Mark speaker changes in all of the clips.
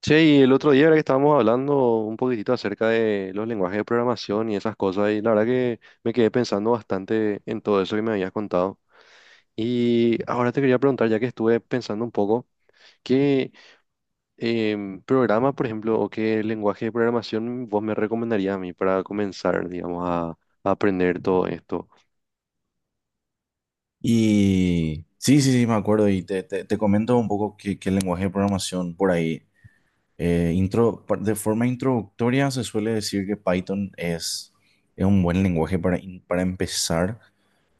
Speaker 1: Che, y el otro día era que estábamos hablando un poquitito acerca de los lenguajes de programación y esas cosas, y la verdad que me quedé pensando bastante en todo eso que me habías contado. Y ahora te quería preguntar, ya que estuve pensando un poco, ¿qué programa, por ejemplo, o qué lenguaje de programación vos me recomendarías a mí para comenzar, digamos, a aprender todo esto?
Speaker 2: Y sí, sí, sí, me acuerdo. Y te comento un poco qué, qué lenguaje de programación por ahí. De forma introductoria se suele decir que Python es un buen lenguaje para empezar.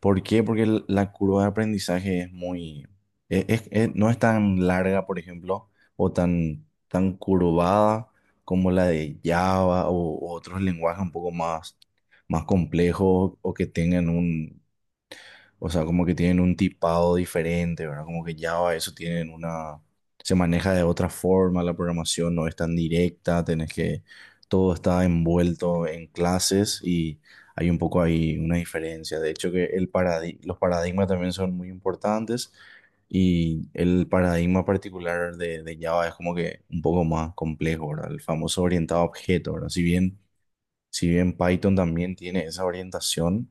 Speaker 2: ¿Por qué? Porque la curva de aprendizaje es muy, no es tan larga, por ejemplo, o tan, tan curvada como la de Java o otros lenguajes un poco más, más complejos o que tengan o sea, como que tienen un tipado diferente, ¿verdad? Como que Java, eso tienen una. Se maneja de otra forma, la programación no es tan directa, tenés que. Todo está envuelto en clases y hay un poco ahí una diferencia. De hecho, que los paradigmas también son muy importantes y el paradigma particular de Java es como que un poco más complejo, ¿verdad? El famoso orientado a objeto, ¿verdad? Si bien, si bien Python también tiene esa orientación,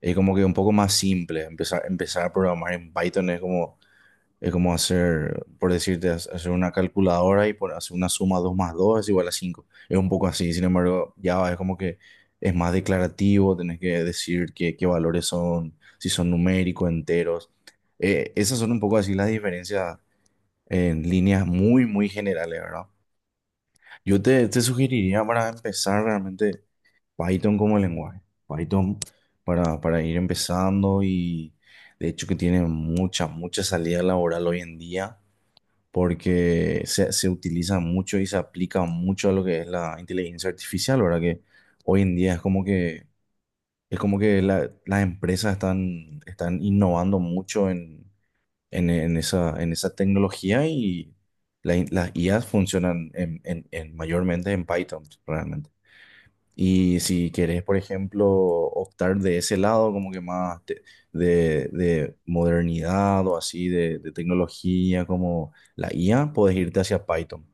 Speaker 2: es como que un poco más simple. Empezar, empezar a programar en Python es como hacer, por decirte, hacer una calculadora y por hacer una suma 2 más 2 es igual a cinco. Es un poco así, sin embargo, Java es como que es más declarativo, tenés que decir qué, qué valores son, si son numéricos, enteros. Esas son un poco así las diferencias en líneas muy, muy generales, ¿verdad? Yo te sugeriría para empezar realmente Python como lenguaje. Python para ir empezando y de hecho que tiene mucha, mucha salida laboral hoy en día porque se utiliza mucho y se aplica mucho a lo que es la inteligencia artificial, ¿verdad? Que hoy en día es como que las empresas están, están innovando mucho en esa tecnología y las IAs funcionan en, mayormente en Python, realmente. Y si querés, por ejemplo, optar de ese lado, como que de modernidad o así, de tecnología como la IA, podés irte hacia Python.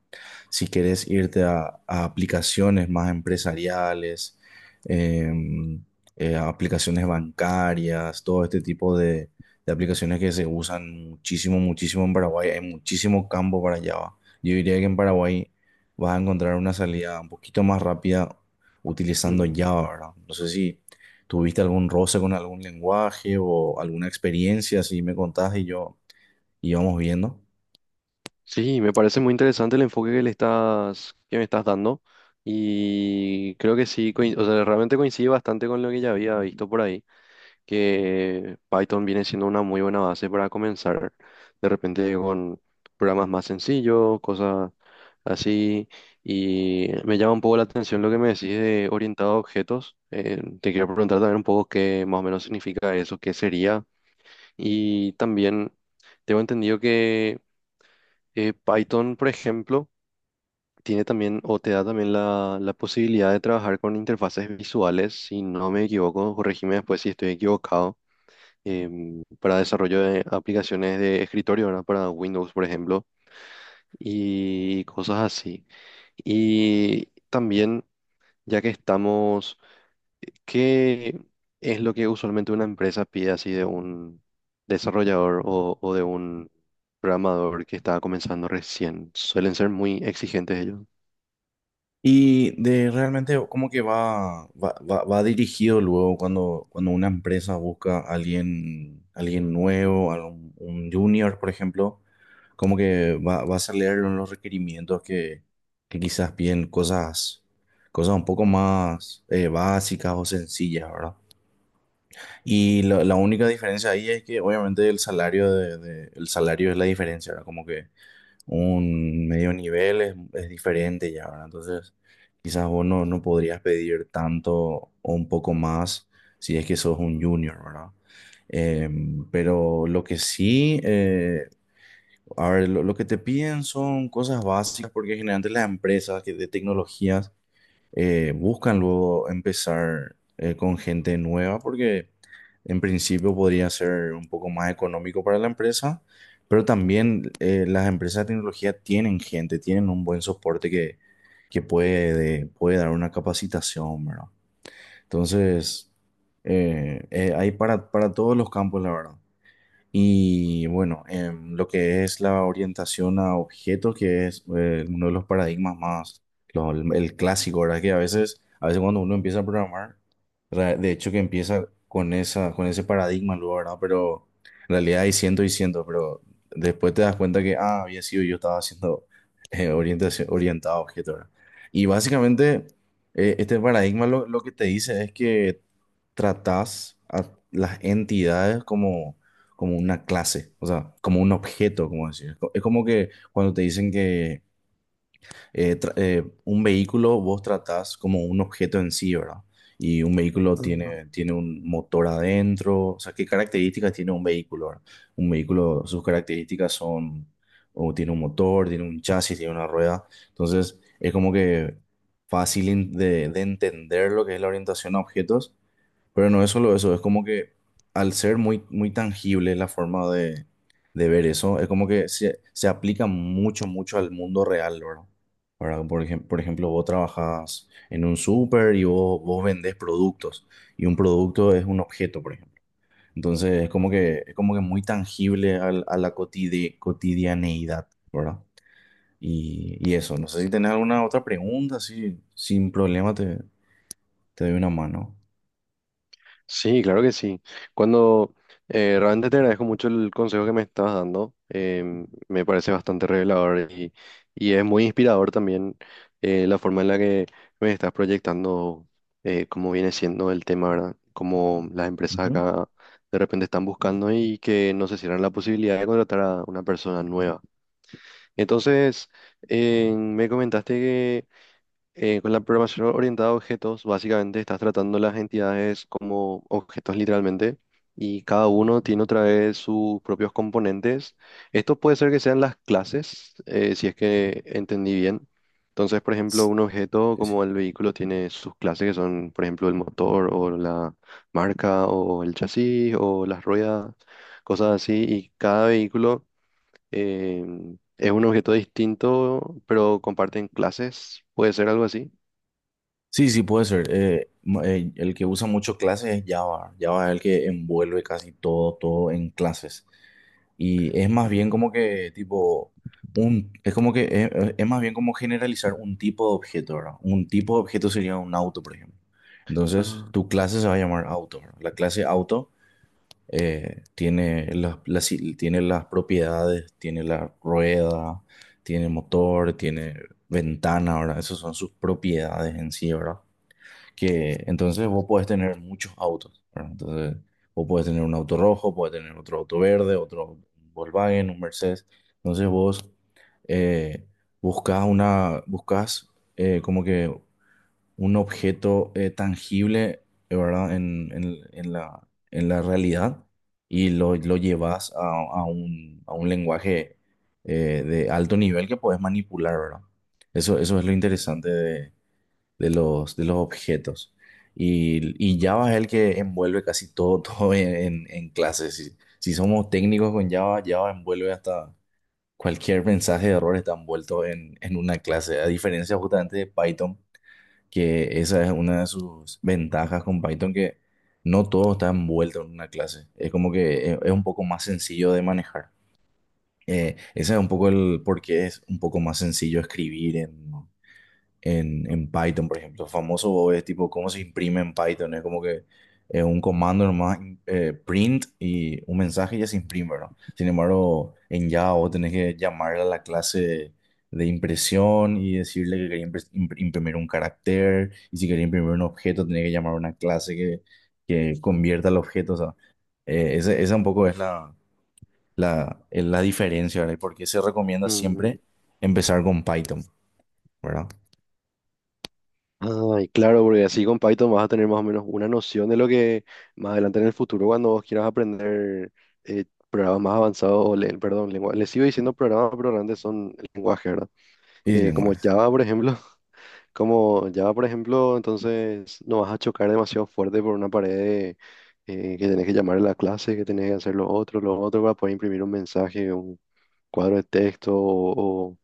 Speaker 2: Si querés irte a aplicaciones más empresariales, em, a aplicaciones bancarias, todo este tipo de aplicaciones que se usan muchísimo, muchísimo en Paraguay, hay muchísimo campo para Java. Yo diría que en Paraguay vas a encontrar una salida un poquito más rápida utilizando
Speaker 1: Mm.
Speaker 2: Java, ¿verdad? No sé si tuviste algún roce con algún lenguaje o alguna experiencia, si me contás y yo íbamos viendo.
Speaker 1: Sí, me parece muy interesante el enfoque que que me estás dando. Y creo que sí, o sea, realmente coincide bastante con lo que ya había visto por ahí, que Python viene siendo una muy buena base para comenzar de repente con programas más sencillos, cosas así. Y me llama un poco la atención lo que me decís de orientado a objetos. Te quiero preguntar también un poco qué más o menos significa eso, qué sería. Y también tengo entendido que Python, por ejemplo, tiene también o te da también la posibilidad de trabajar con interfaces visuales, si no me equivoco, corregime después si estoy equivocado, para desarrollo de aplicaciones de escritorio, ¿verdad? Para Windows, por ejemplo, y cosas así. Y también, ya que estamos, ¿qué es lo que usualmente una empresa pide así de un desarrollador o de un programador que está comenzando recién? ¿Suelen ser muy exigentes
Speaker 2: Y de realmente como que va dirigido luego cuando, cuando una empresa busca a alguien, alguien nuevo, un junior, por ejemplo, como que va a hacer leer los requerimientos que quizás piden cosas, cosas un poco más básicas o sencillas, ¿verdad? Y la única diferencia ahí es que obviamente el salario el salario es la diferencia, ¿verdad? Como que un medio nivel es diferente ya, ¿verdad? Entonces, quizás vos no, no podrías pedir tanto o un poco más si es que sos un junior, ¿verdad? Eh, pero lo que sí, a ver, lo que te piden son cosas básicas, porque generalmente las empresas de tecnologías buscan luego empezar con gente nueva porque en principio podría ser un poco más económico para la empresa, pero también las empresas de tecnología tienen gente, tienen un buen soporte que puede, puede dar una capacitación, ¿verdad? Entonces, hay para todos los campos, la verdad. Y bueno, lo que es la orientación a objetos, que es uno de los paradigmas más, el clásico, ¿verdad? Que a veces cuando uno empieza a programar, de hecho que empieza con esa, con ese paradigma luego, ¿verdad? Pero en realidad hay cientos y cientos, pero después te das cuenta que, ah, había sido yo estaba haciendo orientación, orientado a objetos, ¿verdad? Y básicamente, este paradigma lo que te dice es que tratás a las entidades como, como una clase, o sea, como un objeto, como decir. Es como que cuando te dicen que un vehículo vos tratás como un objeto en sí, ¿verdad? Y un vehículo
Speaker 1: ellos?
Speaker 2: tiene, tiene un motor adentro, o sea, ¿qué características tiene un vehículo, verdad? Un vehículo, sus características son, o tiene un motor, tiene un chasis, tiene una rueda, entonces es como que fácil de entender lo que es la orientación a objetos, pero no es solo eso, es como que al ser muy, muy tangible la forma de ver eso, es como que se aplica mucho, mucho al mundo real, ¿verdad? ¿Verdad? Por ejemplo, vos trabajas en un súper y vos, vos vendés productos y un producto es un objeto, por ejemplo. Entonces es como que muy tangible a la cotidianeidad, ¿verdad? Y eso, no sé si tenés alguna otra pregunta, si sin problema te doy una mano.
Speaker 1: Sí, claro que sí. Cuando realmente te agradezco mucho el consejo que me estás dando. Em, me parece bastante revelador y es muy inspirador también la forma en la que me estás proyectando cómo viene siendo el tema, ¿verdad? Cómo las empresas
Speaker 2: Ujú.
Speaker 1: acá de repente están buscando y que no se cierran la posibilidad de contratar a una persona nueva. Entonces, me comentaste, con la programación orientada a objetos, básicamente estás tratando las entidades como objetos literalmente, y cada uno tiene otra vez sus propios componentes. Esto puede ser que sean las clases, si es que entendí bien. Entonces, por ejemplo, un objeto como el vehículo tiene sus clases que son, por ejemplo, el motor o la marca o el chasis o las ruedas, cosas así. Y cada vehículo eh, es un objeto distinto, pero comparten clases. ¿Puede ser algo así?
Speaker 2: Sí, sí, puede ser. El que usa mucho clases es Java. Java es el que envuelve casi todo, todo en clases. Y es más
Speaker 1: Ah,
Speaker 2: bien como que tipo un, es como que es, más bien como generalizar un tipo de objeto, ¿verdad? Un tipo de objeto sería un auto, por ejemplo. Entonces,
Speaker 1: ah,
Speaker 2: tu clase se va a llamar auto, ¿verdad? La clase auto tiene tiene las propiedades, tiene la rueda, tiene motor, tiene ventana, ¿verdad? Esas son sus propiedades en sí, ¿verdad? Que entonces vos podés tener muchos autos, ¿verdad? Entonces vos podés tener un auto rojo, podés tener otro auto verde, otro Volkswagen, un Mercedes. Entonces vos eh, buscás una, buscás como que un objeto tangible, ¿verdad? En, en la realidad y lo llevas a un lenguaje de alto nivel que podés manipular, ¿verdad? Eso es lo interesante de los objetos. Y Java es el que envuelve casi todo, todo en, clases. Si, si somos técnicos con Java, Java envuelve hasta cualquier mensaje de error está envuelto en una clase. A diferencia justamente de Python, que esa es una de sus ventajas con Python, que no todo está envuelto en una clase. Es como que es un poco más sencillo de manejar. Ese es un poco el por qué es un poco más sencillo escribir en, en Python, por ejemplo. Famoso Bob es tipo cómo se imprime en Python. Es como que es un comando nomás, print y un mensaje y ya se imprime, ¿no? Sin embargo, en Java vos tenés que llamar a la clase de impresión y decirle que quería imprimir un carácter y si quería imprimir un objeto tenés que llamar a una clase que convierta el objeto. O sea, esa, esa un poco es la, la, es la diferencia, ¿verdad? Y por qué se recomienda
Speaker 1: mm.
Speaker 2: siempre empezar con Python, ¿verdad?
Speaker 1: Ay, claro, porque así con Python vas a tener más o menos una noción de lo que más adelante en el futuro, cuando vos quieras aprender programas más avanzados, o perdón, lengua, les sigo diciendo programas, pero realmente son lenguaje, ¿verdad?
Speaker 2: Y
Speaker 1: Como
Speaker 2: lenguajes.
Speaker 1: Java, por ejemplo, como Java, por ejemplo, entonces no vas a chocar demasiado fuerte por una pared de, que tenés que llamar a la clase, que tenés que hacer lo otro, para poder imprimir un mensaje, un cuadro de texto o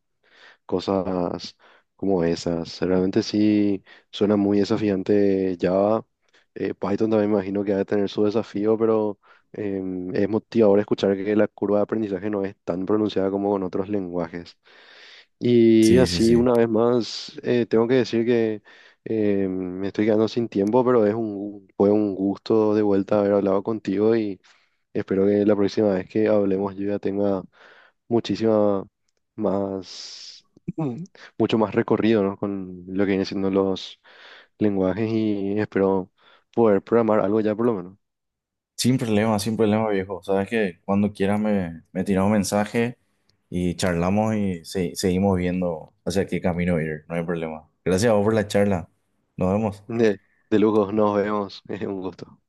Speaker 1: cosas como esas. Realmente sí suena muy desafiante Java. Python también me imagino que debe tener su desafío, pero es motivador escuchar que la curva de aprendizaje no es tan pronunciada como con otros lenguajes. Y
Speaker 2: Sí, sí,
Speaker 1: así,
Speaker 2: sí.
Speaker 1: una vez más, tengo que decir que em, me estoy quedando sin tiempo, pero es un, fue un gusto de vuelta haber hablado contigo, y espero que la próxima vez que hablemos yo ya tenga muchísima más, mm, mucho más recorrido, ¿no? Con lo que vienen siendo los lenguajes, y espero poder programar algo ya por lo menos.
Speaker 2: Sin problema, sin problema, viejo. Sabes que cuando quieras me tiras un mensaje y charlamos y seguimos viendo hacia qué camino ir. No hay problema. Gracias a vos por la charla. Nos vemos.
Speaker 1: De, de lujo, nos vemos. Es un gusto.